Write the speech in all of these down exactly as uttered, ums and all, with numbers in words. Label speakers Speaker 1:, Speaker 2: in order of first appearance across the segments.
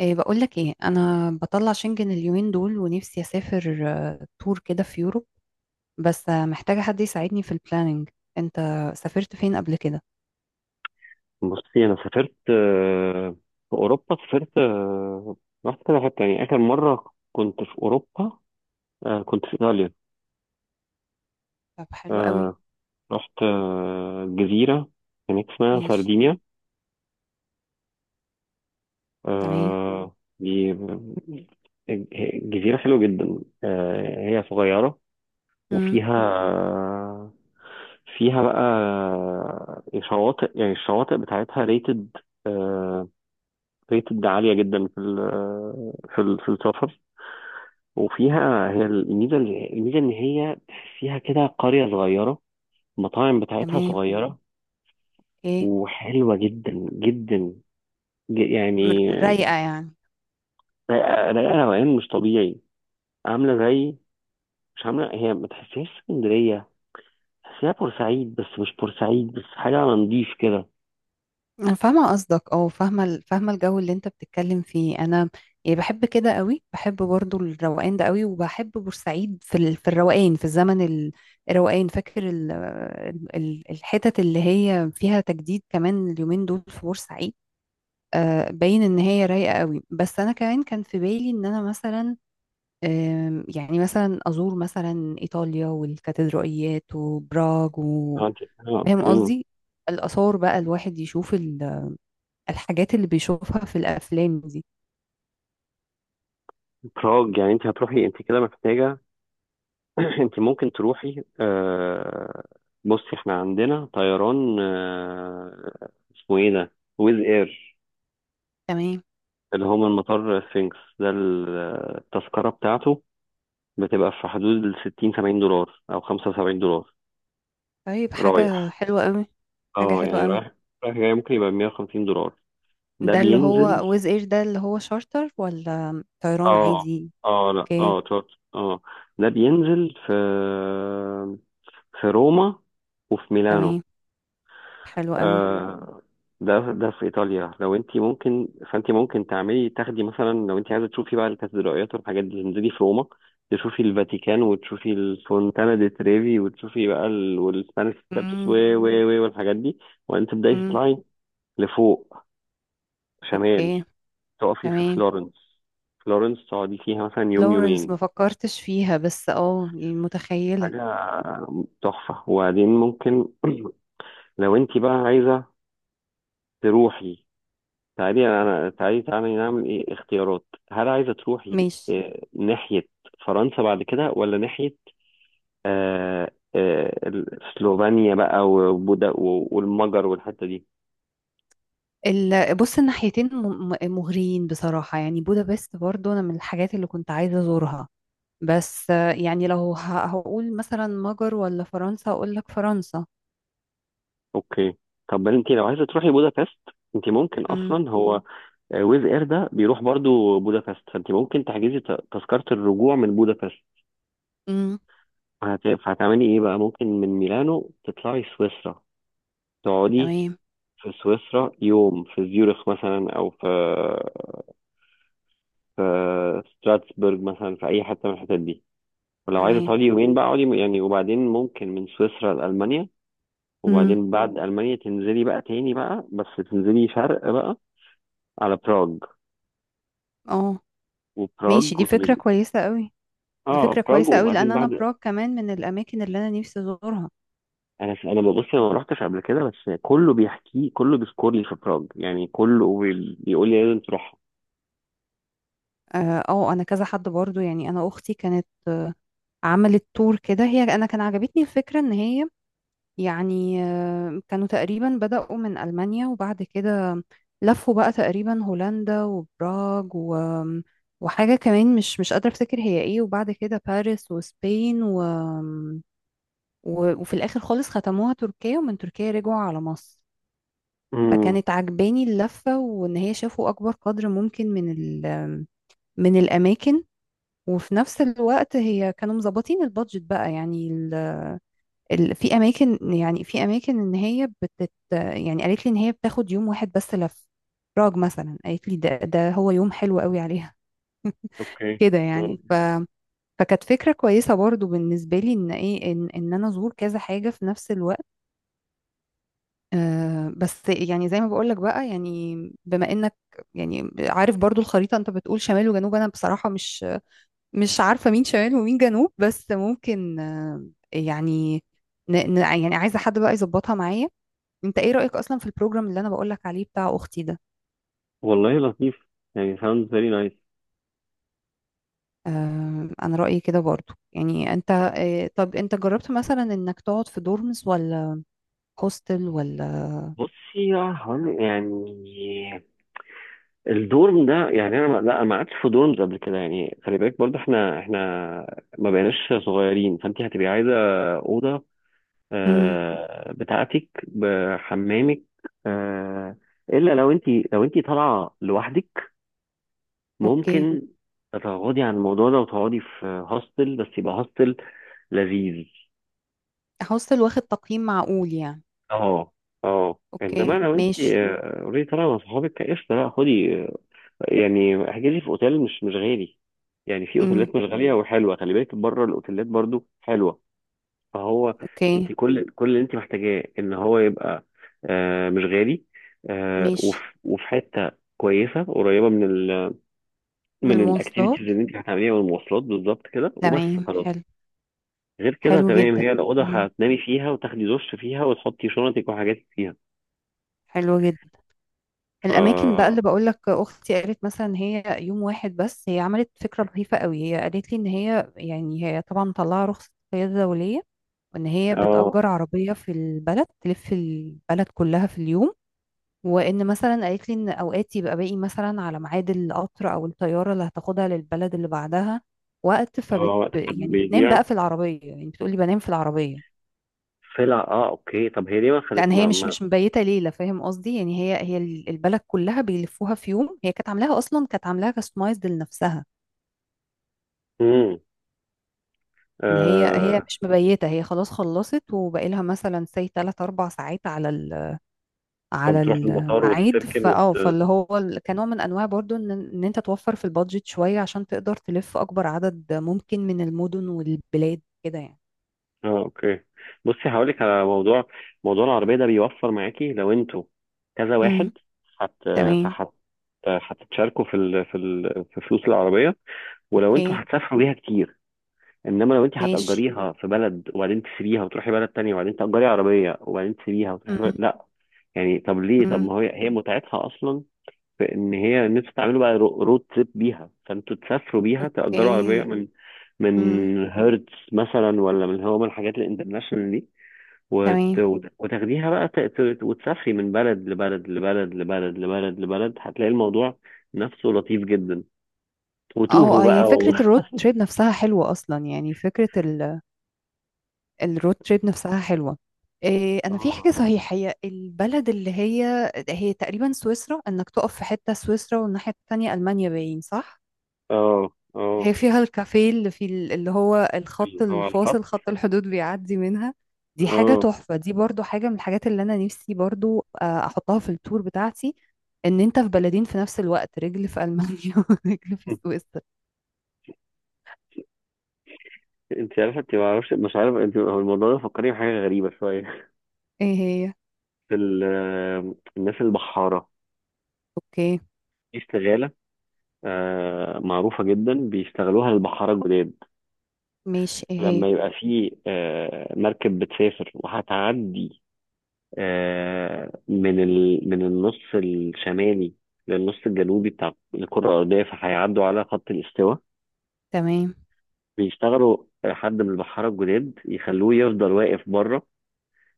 Speaker 1: إيه بقول لك ايه انا بطلع شنجن اليومين دول ونفسي اسافر آه، تور كده في يوروب. بس آه، محتاجة حد يساعدني في البلاننج. انت سافرت فين قبل كده؟
Speaker 2: بصي، انا سافرت آه، في اوروبا سافرت آه، رحت كذا حته. يعني اخر مره كنت في اوروبا آه، كنت في ايطاليا.
Speaker 1: طب حلو قوي.
Speaker 2: آه، رحت آه، جزيره هناك اسمها
Speaker 1: ماشي.
Speaker 2: ساردينيا.
Speaker 1: تمام.
Speaker 2: آه، دي آه، جزيره حلوه جدا. آه، هي صغيره
Speaker 1: امم.
Speaker 2: وفيها فيها بقى آه، شواطئ. يعني الشواطئ بتاعتها ريتد، ريتد عالية جدا في ال آه، في ال في السفر. وفيها، هي الميزه، الميزه ان هي فيها كده قريه صغيره، المطاعم بتاعتها
Speaker 1: تمام.
Speaker 2: صغيره
Speaker 1: ايه.
Speaker 2: وحلوه جدا جدا. ج-
Speaker 1: م-
Speaker 2: يعني
Speaker 1: رايقة يعني.
Speaker 2: رايقه رايقة روقان مش طبيعي. عامله زي، مش عامله، هي ما تحسهاش اسكندريه، تحسيها بورسعيد، بس مش بورسعيد، بس حاجه على نضيف كده.
Speaker 1: أنا فاهمة قصدك، اه، فاهمة ال- فاهمة الجو اللي انت بتتكلم فيه. انا يعني بحب كده قوي، بحب برضو الروقان ده قوي، وبحب بورسعيد في ال... في الروقان، في الزمن ال- الروقان، فاكر ال... ال... الحتت اللي هي فيها تجديد كمان اليومين دول في بورسعيد. آه باين ان هي رايقة قوي، بس انا كمان كان في بالي ان انا مثلا، آم، يعني مثلا ازور مثلا ايطاليا والكاتدرائيات وبراغ و...
Speaker 2: اه انت. آه،
Speaker 1: فاهم
Speaker 2: اوكي.
Speaker 1: قصدي؟ الآثار بقى الواحد يشوف الحاجات اللي بيشوفها في الافلام دي.
Speaker 2: براج، يعني انت هتروحي انت كده محتاجه. انت ممكن تروحي. آه بصي، احنا عندنا طيران، آه اسمه ايه ده، ويز اير.
Speaker 1: تمام.
Speaker 2: اللي هو من مطار سفنكس ده، ال- التذكرة بتاعته بتبقى في حدود ال ستين سبعين دولار أو خمسة وسبعين دولارا
Speaker 1: طيب حاجة
Speaker 2: رايح.
Speaker 1: حلوة قوي. حاجة
Speaker 2: اه
Speaker 1: حلوة
Speaker 2: يعني
Speaker 1: قوي.
Speaker 2: رايح رايح جاي ممكن يبقى مية وخمسين دولار. ده
Speaker 1: ده اللي هو
Speaker 2: بينزل.
Speaker 1: ويز اير ده اللي هو شارتر ولا طيران
Speaker 2: اه.
Speaker 1: عادي؟
Speaker 2: اه لا
Speaker 1: اوكي.
Speaker 2: اه تشارت. اه. ده بينزل في في روما وفي ميلانو.
Speaker 1: تمام حلو قوي.
Speaker 2: آه، ده ده في ايطاليا. لو انت ممكن، فانت ممكن تعملي تاخدي مثلا، لو انت عايزه تشوفي بقى الكاتدرائيات والحاجات دي، تنزلي في روما، تشوفي الفاتيكان، وتشوفي الفونتانا دي تريفي، وتشوفي بقى ال... والسبانيش ستابس و
Speaker 1: امم.
Speaker 2: و و والحاجات دي. وانت تبداي
Speaker 1: امم.
Speaker 2: تطلعي لفوق، شمال.
Speaker 1: اوكي.
Speaker 2: تقفي في
Speaker 1: تمام.
Speaker 2: فلورنس. فلورنس تقعدي فيها مثلا يوم
Speaker 1: لورنس
Speaker 2: يومين،
Speaker 1: ما فكرتش فيها، بس اه يعني متخيلة.
Speaker 2: حاجه تحفه. وبعدين ممكن لو انت بقى عايزه تروحي، تعالي انا تعالي تعالي نعمل ايه اختيارات. هل عايزه تروحي
Speaker 1: ماشي.
Speaker 2: آه، ناحيه فرنسا بعد كده، ولا ناحيه آه، آه، ال- سلوفينيا بقى، وبودا و- والمجر والحته دي.
Speaker 1: ال- بص الناحيتين م- م- مغريين بصراحة، يعني بودابست برضو انا من الحاجات اللي كنت عايزة ازورها، بس آه، يعني لو ه- هقول مثلا مجر ولا فرنسا، هقول لك فرنسا.
Speaker 2: اوكي. طب بل انت لو عايزه تروحي بودابست، انت ممكن
Speaker 1: امم.
Speaker 2: اصلا، هو آه، ويز اير ده بيروح برضو بودابست، فانت ممكن تحجزي ت- تذكره الرجوع من بودابست.
Speaker 1: امم.
Speaker 2: فهت- فهتعملي ايه بقى، ممكن من ميلانو تطلعي سويسرا، تقعدي
Speaker 1: تمام.
Speaker 2: في سويسرا يوم، في زيورخ مثلا، او في في ستراتسبرج مثلا، في اي حته من الحتت دي. ولو عايزه
Speaker 1: تمام.
Speaker 2: تقعدي يومين بقى اقعدي يعني. وبعدين ممكن من سويسرا لالمانيا.
Speaker 1: امم.
Speaker 2: وبعدين بعد المانيا تنزلي بقى تاني بقى، بس تنزلي شرق بقى، على براغ.
Speaker 1: اه. ماشي،
Speaker 2: وبراغ
Speaker 1: دي فكرة
Speaker 2: وتبقي،
Speaker 1: كويسة قوي. دي
Speaker 2: اه،
Speaker 1: فكرة
Speaker 2: براغ.
Speaker 1: كويسة قوي لان
Speaker 2: وبعدين
Speaker 1: انا
Speaker 2: بعد،
Speaker 1: براغ كمان من الاماكن اللي انا نفسي ازورها.
Speaker 2: انا انا ببص، انا ما رحتش قبل كده، بس كله بيحكي، كله بيذكر لي في براغ. يعني كله بي- بيقول لي لازم تروحها.
Speaker 1: اه آه، انا كذا حد برضو، يعني انا اختي كانت عملت تور كده هي، انا كان عجبتني الفكرة ان هي يعني آه، كانوا تقريبا بدأوا من ألمانيا، وبعد كده لفوا بقى تقريبا هولندا وبراغ و... وحاجة كمان مش مش قادرة أفتكر هي إيه، وبعد كده باريس وسبين و... و... وفي الآخر خالص ختموها تركيا، ومن تركيا رجعوا على مصر.
Speaker 2: امم.
Speaker 1: فكانت عجباني اللفة، وإن هي شافوا أكبر قدر ممكن من ال... من الأماكن، وفي نفس الوقت هي كانوا مظبطين البادجت بقى يعني. ال- في اماكن، يعني في اماكن ان هي بتت يعني قالت لي ان هي بتاخد يوم واحد بس لف براغ مثلا، قالت لي ده ده هو يوم حلو قوي عليها.
Speaker 2: اوكي.
Speaker 1: كده يعني ف
Speaker 2: مم.
Speaker 1: فكانت فكرة كويسة برضو بالنسبة لي ان ايه، ان, ان انا ازور كذا حاجة في نفس الوقت. آه بس يعني زي ما بقولك بقى يعني، بما انك يعني عارف برضو الخريطة، انت بتقول شمال وجنوب، انا بصراحة مش مش عارفة مين شمال ومين جنوب، بس ممكن آه يعني ن- ن- يعني عايزة حد بقى يظبطها معايا. انت ايه رأيك اصلا في البروجرام اللي انا بقولك عليه بتاع اختي ده؟
Speaker 2: والله لطيف. يعني sounds very nice.
Speaker 1: آه انا رأيي كده برضو، يعني انت آه طب انت جربت مثلا انك تقعد في دورمز ولا هوستل ولا؟
Speaker 2: بصي يا هون، يعني الدورم ده يعني انا ما- لا ما قعدتش في دورمز قبل كده. يعني خلي بالك برضه، احنا احنا ما بقيناش صغيرين، فانت هتبقي عايزه اوضه
Speaker 1: امم.
Speaker 2: آه، بتاعتك بحمامك. آه، الا لو انت لو انت طالعه لوحدك،
Speaker 1: اوكي.
Speaker 2: ممكن تتغاضي عن الموضوع ده وتقعدي في هوستل، بس يبقى هوستل لذيذ.
Speaker 1: هوستل واخد تقييم معقول يعني.
Speaker 2: اه اه انما
Speaker 1: اوكي
Speaker 2: لو انت
Speaker 1: ماشي.
Speaker 2: اوريدي طالعه مع صحابك، قشطه، لا، خدي يعني، احجز لي في اوتيل مش مش غالي. يعني في اوتيلات
Speaker 1: امم.
Speaker 2: مش غاليه وحلوه. خلي بالك بره الاوتيلات برضو حلوه. فهو
Speaker 1: اوكي
Speaker 2: انت كل كل اللي انت محتاجاه ان هو يبقى آه مش غالي، آه
Speaker 1: ماشي.
Speaker 2: وف- وفي حته كويسه قريبه من ال
Speaker 1: من
Speaker 2: من الاكتيفيتيز
Speaker 1: المواصلات.
Speaker 2: اللي انت هتعمليها، والمواصلات بالظبط كده. وبس
Speaker 1: تمام
Speaker 2: خلاص،
Speaker 1: حلو.
Speaker 2: غير كده
Speaker 1: حلو
Speaker 2: تمام.
Speaker 1: جدا.
Speaker 2: هي الاوضه
Speaker 1: امم.
Speaker 2: هتنامي فيها وتاخدي دش فيها وتحطي شنطك وحاجاتك فيها.
Speaker 1: حلو جدا.
Speaker 2: ف
Speaker 1: الاماكن بقى اللي
Speaker 2: اه
Speaker 1: بقول لك اختي قالت مثلا هي يوم واحد بس، هي عملت فكره لطيفه قوي، هي قالت لي ان هي يعني هي طبعا مطلعه رخصه قياده دوليه، وان هي بتأجر عربيه في البلد، تلف البلد كلها في اليوم، وان مثلا قالت لي ان اوقات يبقى باقي مثلا على ميعاد القطر او الطياره اللي هتاخدها للبلد اللي بعدها وقت،
Speaker 2: اه،
Speaker 1: فبت ب-
Speaker 2: وقتك
Speaker 1: يعني بتنام
Speaker 2: بيضيع.
Speaker 1: بقى في العربيه، يعني بتقولي بنام في العربيه
Speaker 2: سلع، اه، اوكي. طب هي ليه ما
Speaker 1: لان
Speaker 2: خدت
Speaker 1: هي
Speaker 2: ما,
Speaker 1: مش
Speaker 2: ما
Speaker 1: مش مبيته ليله، فاهم قصدي؟ يعني هي هي ال- البلد كلها بيلفوها في يوم، هي كانت عاملاها اصلا، كانت عاملاها كاستمايزد لنفسها،
Speaker 2: امم
Speaker 1: ان هي هي
Speaker 2: آه.
Speaker 1: مش مبيته، هي خلاص خلصت وباقي لها مثلا سي ثلاث اربع ساعات على ال على
Speaker 2: فبتروح المطار
Speaker 1: الميعاد،
Speaker 2: وتركن وت...
Speaker 1: فاه فاللي هو ال- كنوع من انواع برضو ان ان انت توفر في البادجت شويه عشان تقدر تلف اكبر عدد ممكن من المدن والبلاد كده يعني.
Speaker 2: اه اوكي. بصي هقولك على موضوع، موضوع العربية ده بيوفر معاكي لو انتوا كذا
Speaker 1: امم.
Speaker 2: واحد، هت
Speaker 1: تمام.
Speaker 2: فهت هتتشاركوا في ال... في ال... في فلوس العربية، ولو انتوا
Speaker 1: اوكي
Speaker 2: هتسافروا بيها كتير. انما لو انت
Speaker 1: ماشي.
Speaker 2: هتأجريها في بلد وبعدين تسيبيها وتروحي بلد تانية، وبعدين تأجري عربية وبعدين تسيبيها وتروحي
Speaker 1: امم.
Speaker 2: بلد... لا. يعني طب ليه، طب
Speaker 1: امم.
Speaker 2: ما هي هي متعتها اصلا في ان هي، نفسي تعملوا بقى رو- رود تريب بيها، فانتوا تسافروا بيها، تأجروا عربية
Speaker 1: اوكي.
Speaker 2: من
Speaker 1: امم.
Speaker 2: من هيرتز مثلا، ولا من، هو من الحاجات الانترناشونال دي. وت...
Speaker 1: تمام.
Speaker 2: وت- وتاخديها بقى ت... ت- وتسافري من بلد لبلد لبلد لبلد لبلد لبلد، هتلاقي الموضوع نفسه لطيف جدا.
Speaker 1: اه
Speaker 2: وتوهوا
Speaker 1: اه يعني
Speaker 2: بقى و...
Speaker 1: فكرة الرود تريب نفسها حلوة أصلا، يعني فكرة ال... الرود تريب نفسها حلوة. إيه أنا في
Speaker 2: اه
Speaker 1: حاجة صحيحة، هي البلد اللي هي هي تقريبا سويسرا، إنك تقف في حتة سويسرا والناحية التانية ألمانيا، باين صح؟
Speaker 2: اه اه،
Speaker 1: هي فيها الكافيه اللي في ال- اللي هو الخط
Speaker 2: اللي هو الخط.
Speaker 1: الفاصل، خط الحدود بيعدي منها. دي حاجة
Speaker 2: اه
Speaker 1: تحفة، دي برضو حاجة من الحاجات اللي أنا نفسي برضو آه، أحطها في التور بتاعتي، إن أنت في بلدين في نفس الوقت، رجل في ألمانيا ورجل في سويسرا.
Speaker 2: انت عارفه، انت ما اعرفش، مش عارف انت، هو الموضوع ده فكرني بحاجه غريبه شويه.
Speaker 1: إيه هي؟
Speaker 2: في ال- الناس البحاره،
Speaker 1: أوكي.
Speaker 2: في استغاله آه، معروفة جدا بيستغلوها البحارة الجداد.
Speaker 1: ماشي ايه هي.
Speaker 2: لما يبقى في آه، مركب بتسافر وهتعدي آه، من ال... من النص الشمالي للنص الجنوبي بتاع الكرة الأرضية، فهيعدوا على خط الاستواء.
Speaker 1: تمام.
Speaker 2: بيشتغلوا آه، حد من البحارة الجداد، يخلوه يفضل واقف بره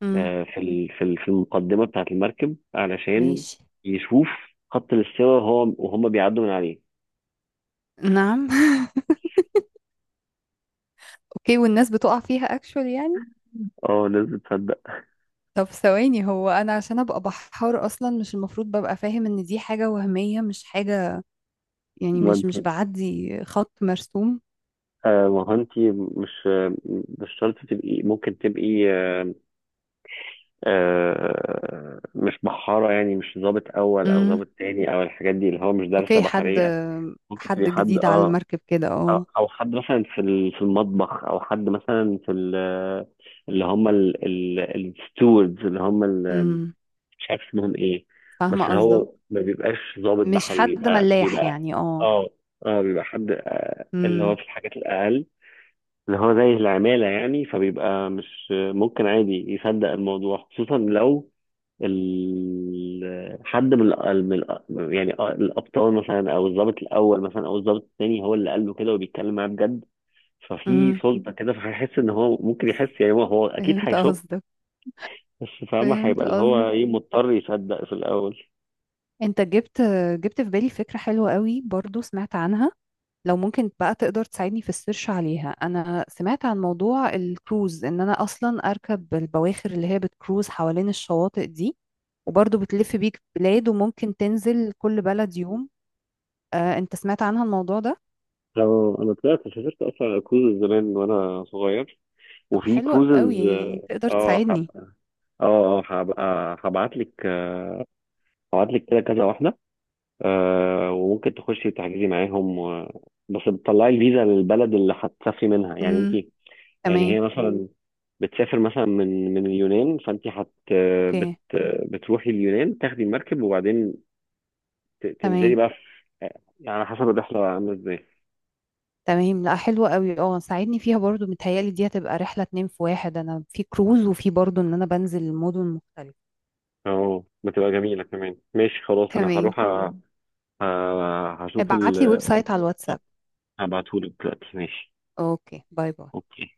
Speaker 1: امم.
Speaker 2: آه، في ال... في ال- في المقدمة بتاعة المركب، علشان
Speaker 1: ماشي.
Speaker 2: يشوف خط الاستواء وهو، وهم بيعدوا من عليه.
Speaker 1: نعم. اوكي، والناس بتقع فيها اكشول يعني؟
Speaker 2: اه، الناس بتصدق.
Speaker 1: طب ثواني، هو انا عشان ابقى بحار اصلا مش المفروض ببقى فاهم ان دي حاجة وهمية مش حاجة يعني،
Speaker 2: ما
Speaker 1: مش مش
Speaker 2: انت،
Speaker 1: بعدي خط مرسوم؟
Speaker 2: آه، ما هو انت مش مش شرط تبقي، ممكن تبقي آه، آه، مش بحارة. يعني مش ضابط أول أو
Speaker 1: امم.
Speaker 2: ضابط تاني أو الحاجات دي، اللي هو مش دارسة
Speaker 1: اوكي. حد،
Speaker 2: بحرية. ممكن تبقي
Speaker 1: حد
Speaker 2: حد،
Speaker 1: جديد على
Speaker 2: اه،
Speaker 1: المركب كده
Speaker 2: أو
Speaker 1: اه.
Speaker 2: أو حد مثلا في ال- في المطبخ، أو حد مثلا في ال- اللي هم الستوردز، اللي هم ال-،
Speaker 1: امم.
Speaker 2: مش عارف اسمهم إيه. بس
Speaker 1: فاهمة قصدك.
Speaker 2: هو ما بيبقاش ضابط
Speaker 1: مش
Speaker 2: بحري،
Speaker 1: حد
Speaker 2: بيبقى
Speaker 1: ملاح
Speaker 2: بيبقى
Speaker 1: يعني اه.
Speaker 2: اه اه بيبقى حد آه، اللي هو
Speaker 1: امم.
Speaker 2: في الحاجات الأقل، اللي هو زي العمالة يعني. فبيبقى مش ممكن عادي يصدق الموضوع، خصوصا لو ال... حد من, ال... من ال... يعني الأبطال مثلا، أو الضابط الأول مثلا، أو الضابط الثاني، هو اللي قال له كده وبيتكلم معاه بجد. ففي
Speaker 1: امم.
Speaker 2: صدمة كده، فهيحس إن هو ممكن يحس، يعني هو, هو أكيد
Speaker 1: فهمت
Speaker 2: هيشك.
Speaker 1: قصدك.
Speaker 2: بس فاهمة،
Speaker 1: فهمت
Speaker 2: هيبقى اللي هو
Speaker 1: قصدك.
Speaker 2: إيه، مضطر يصدق في الأول.
Speaker 1: انت جبت، جبت في بالي فكرة حلوة قوي برضو، سمعت عنها لو ممكن بقى تقدر تساعدني في السيرش عليها. انا سمعت عن موضوع الكروز ان انا اصلا اركب البواخر اللي هي بتكروز حوالين الشواطئ دي، وبرضه بتلف بيك بلاد وممكن تنزل كل بلد يوم. آه، انت سمعت عنها الموضوع ده؟
Speaker 2: لو أنا طلعت، سافرت أصلا على كروز زمان وأنا صغير،
Speaker 1: طب
Speaker 2: وفي
Speaker 1: حلو قوي،
Speaker 2: كروزز.
Speaker 1: يعني تقدر
Speaker 2: اه هب-
Speaker 1: تساعدني.
Speaker 2: اه اه هبقى هبعت لك، هبعت لك كده كذا واحدة. آه، وممكن تخشي تحجزي معاهم و... بس بتطلعي الفيزا للبلد اللي هتسافري منها يعني انت.
Speaker 1: امم.
Speaker 2: يعني
Speaker 1: تمام.
Speaker 2: هي، مم. مثلا بتسافر مثلا من من اليونان، فانت هت بت
Speaker 1: اوكي.
Speaker 2: بتروحي اليونان، تاخدي المركب، وبعدين ت- تنزلي
Speaker 1: تمام.
Speaker 2: بقى في، يعني على حسب الرحلة عاملة ازاي.
Speaker 1: تمام لا حلوة قوي اه، ساعدني فيها برضو، متهيألي دي هتبقى رحلة اتنين في واحد، انا في كروز وفي برضو ان انا بنزل مدن مختلفة.
Speaker 2: اه بتبقى جميلة كمان. ماشي خلاص، انا
Speaker 1: تمام.
Speaker 2: هروح أ- مم. أ- هشوف ال،
Speaker 1: ابعت لي ويب سايت على الواتساب.
Speaker 2: اه، هبعتهولك دلوقتي. ماشي،
Speaker 1: اوكي باي باي.
Speaker 2: اوكي.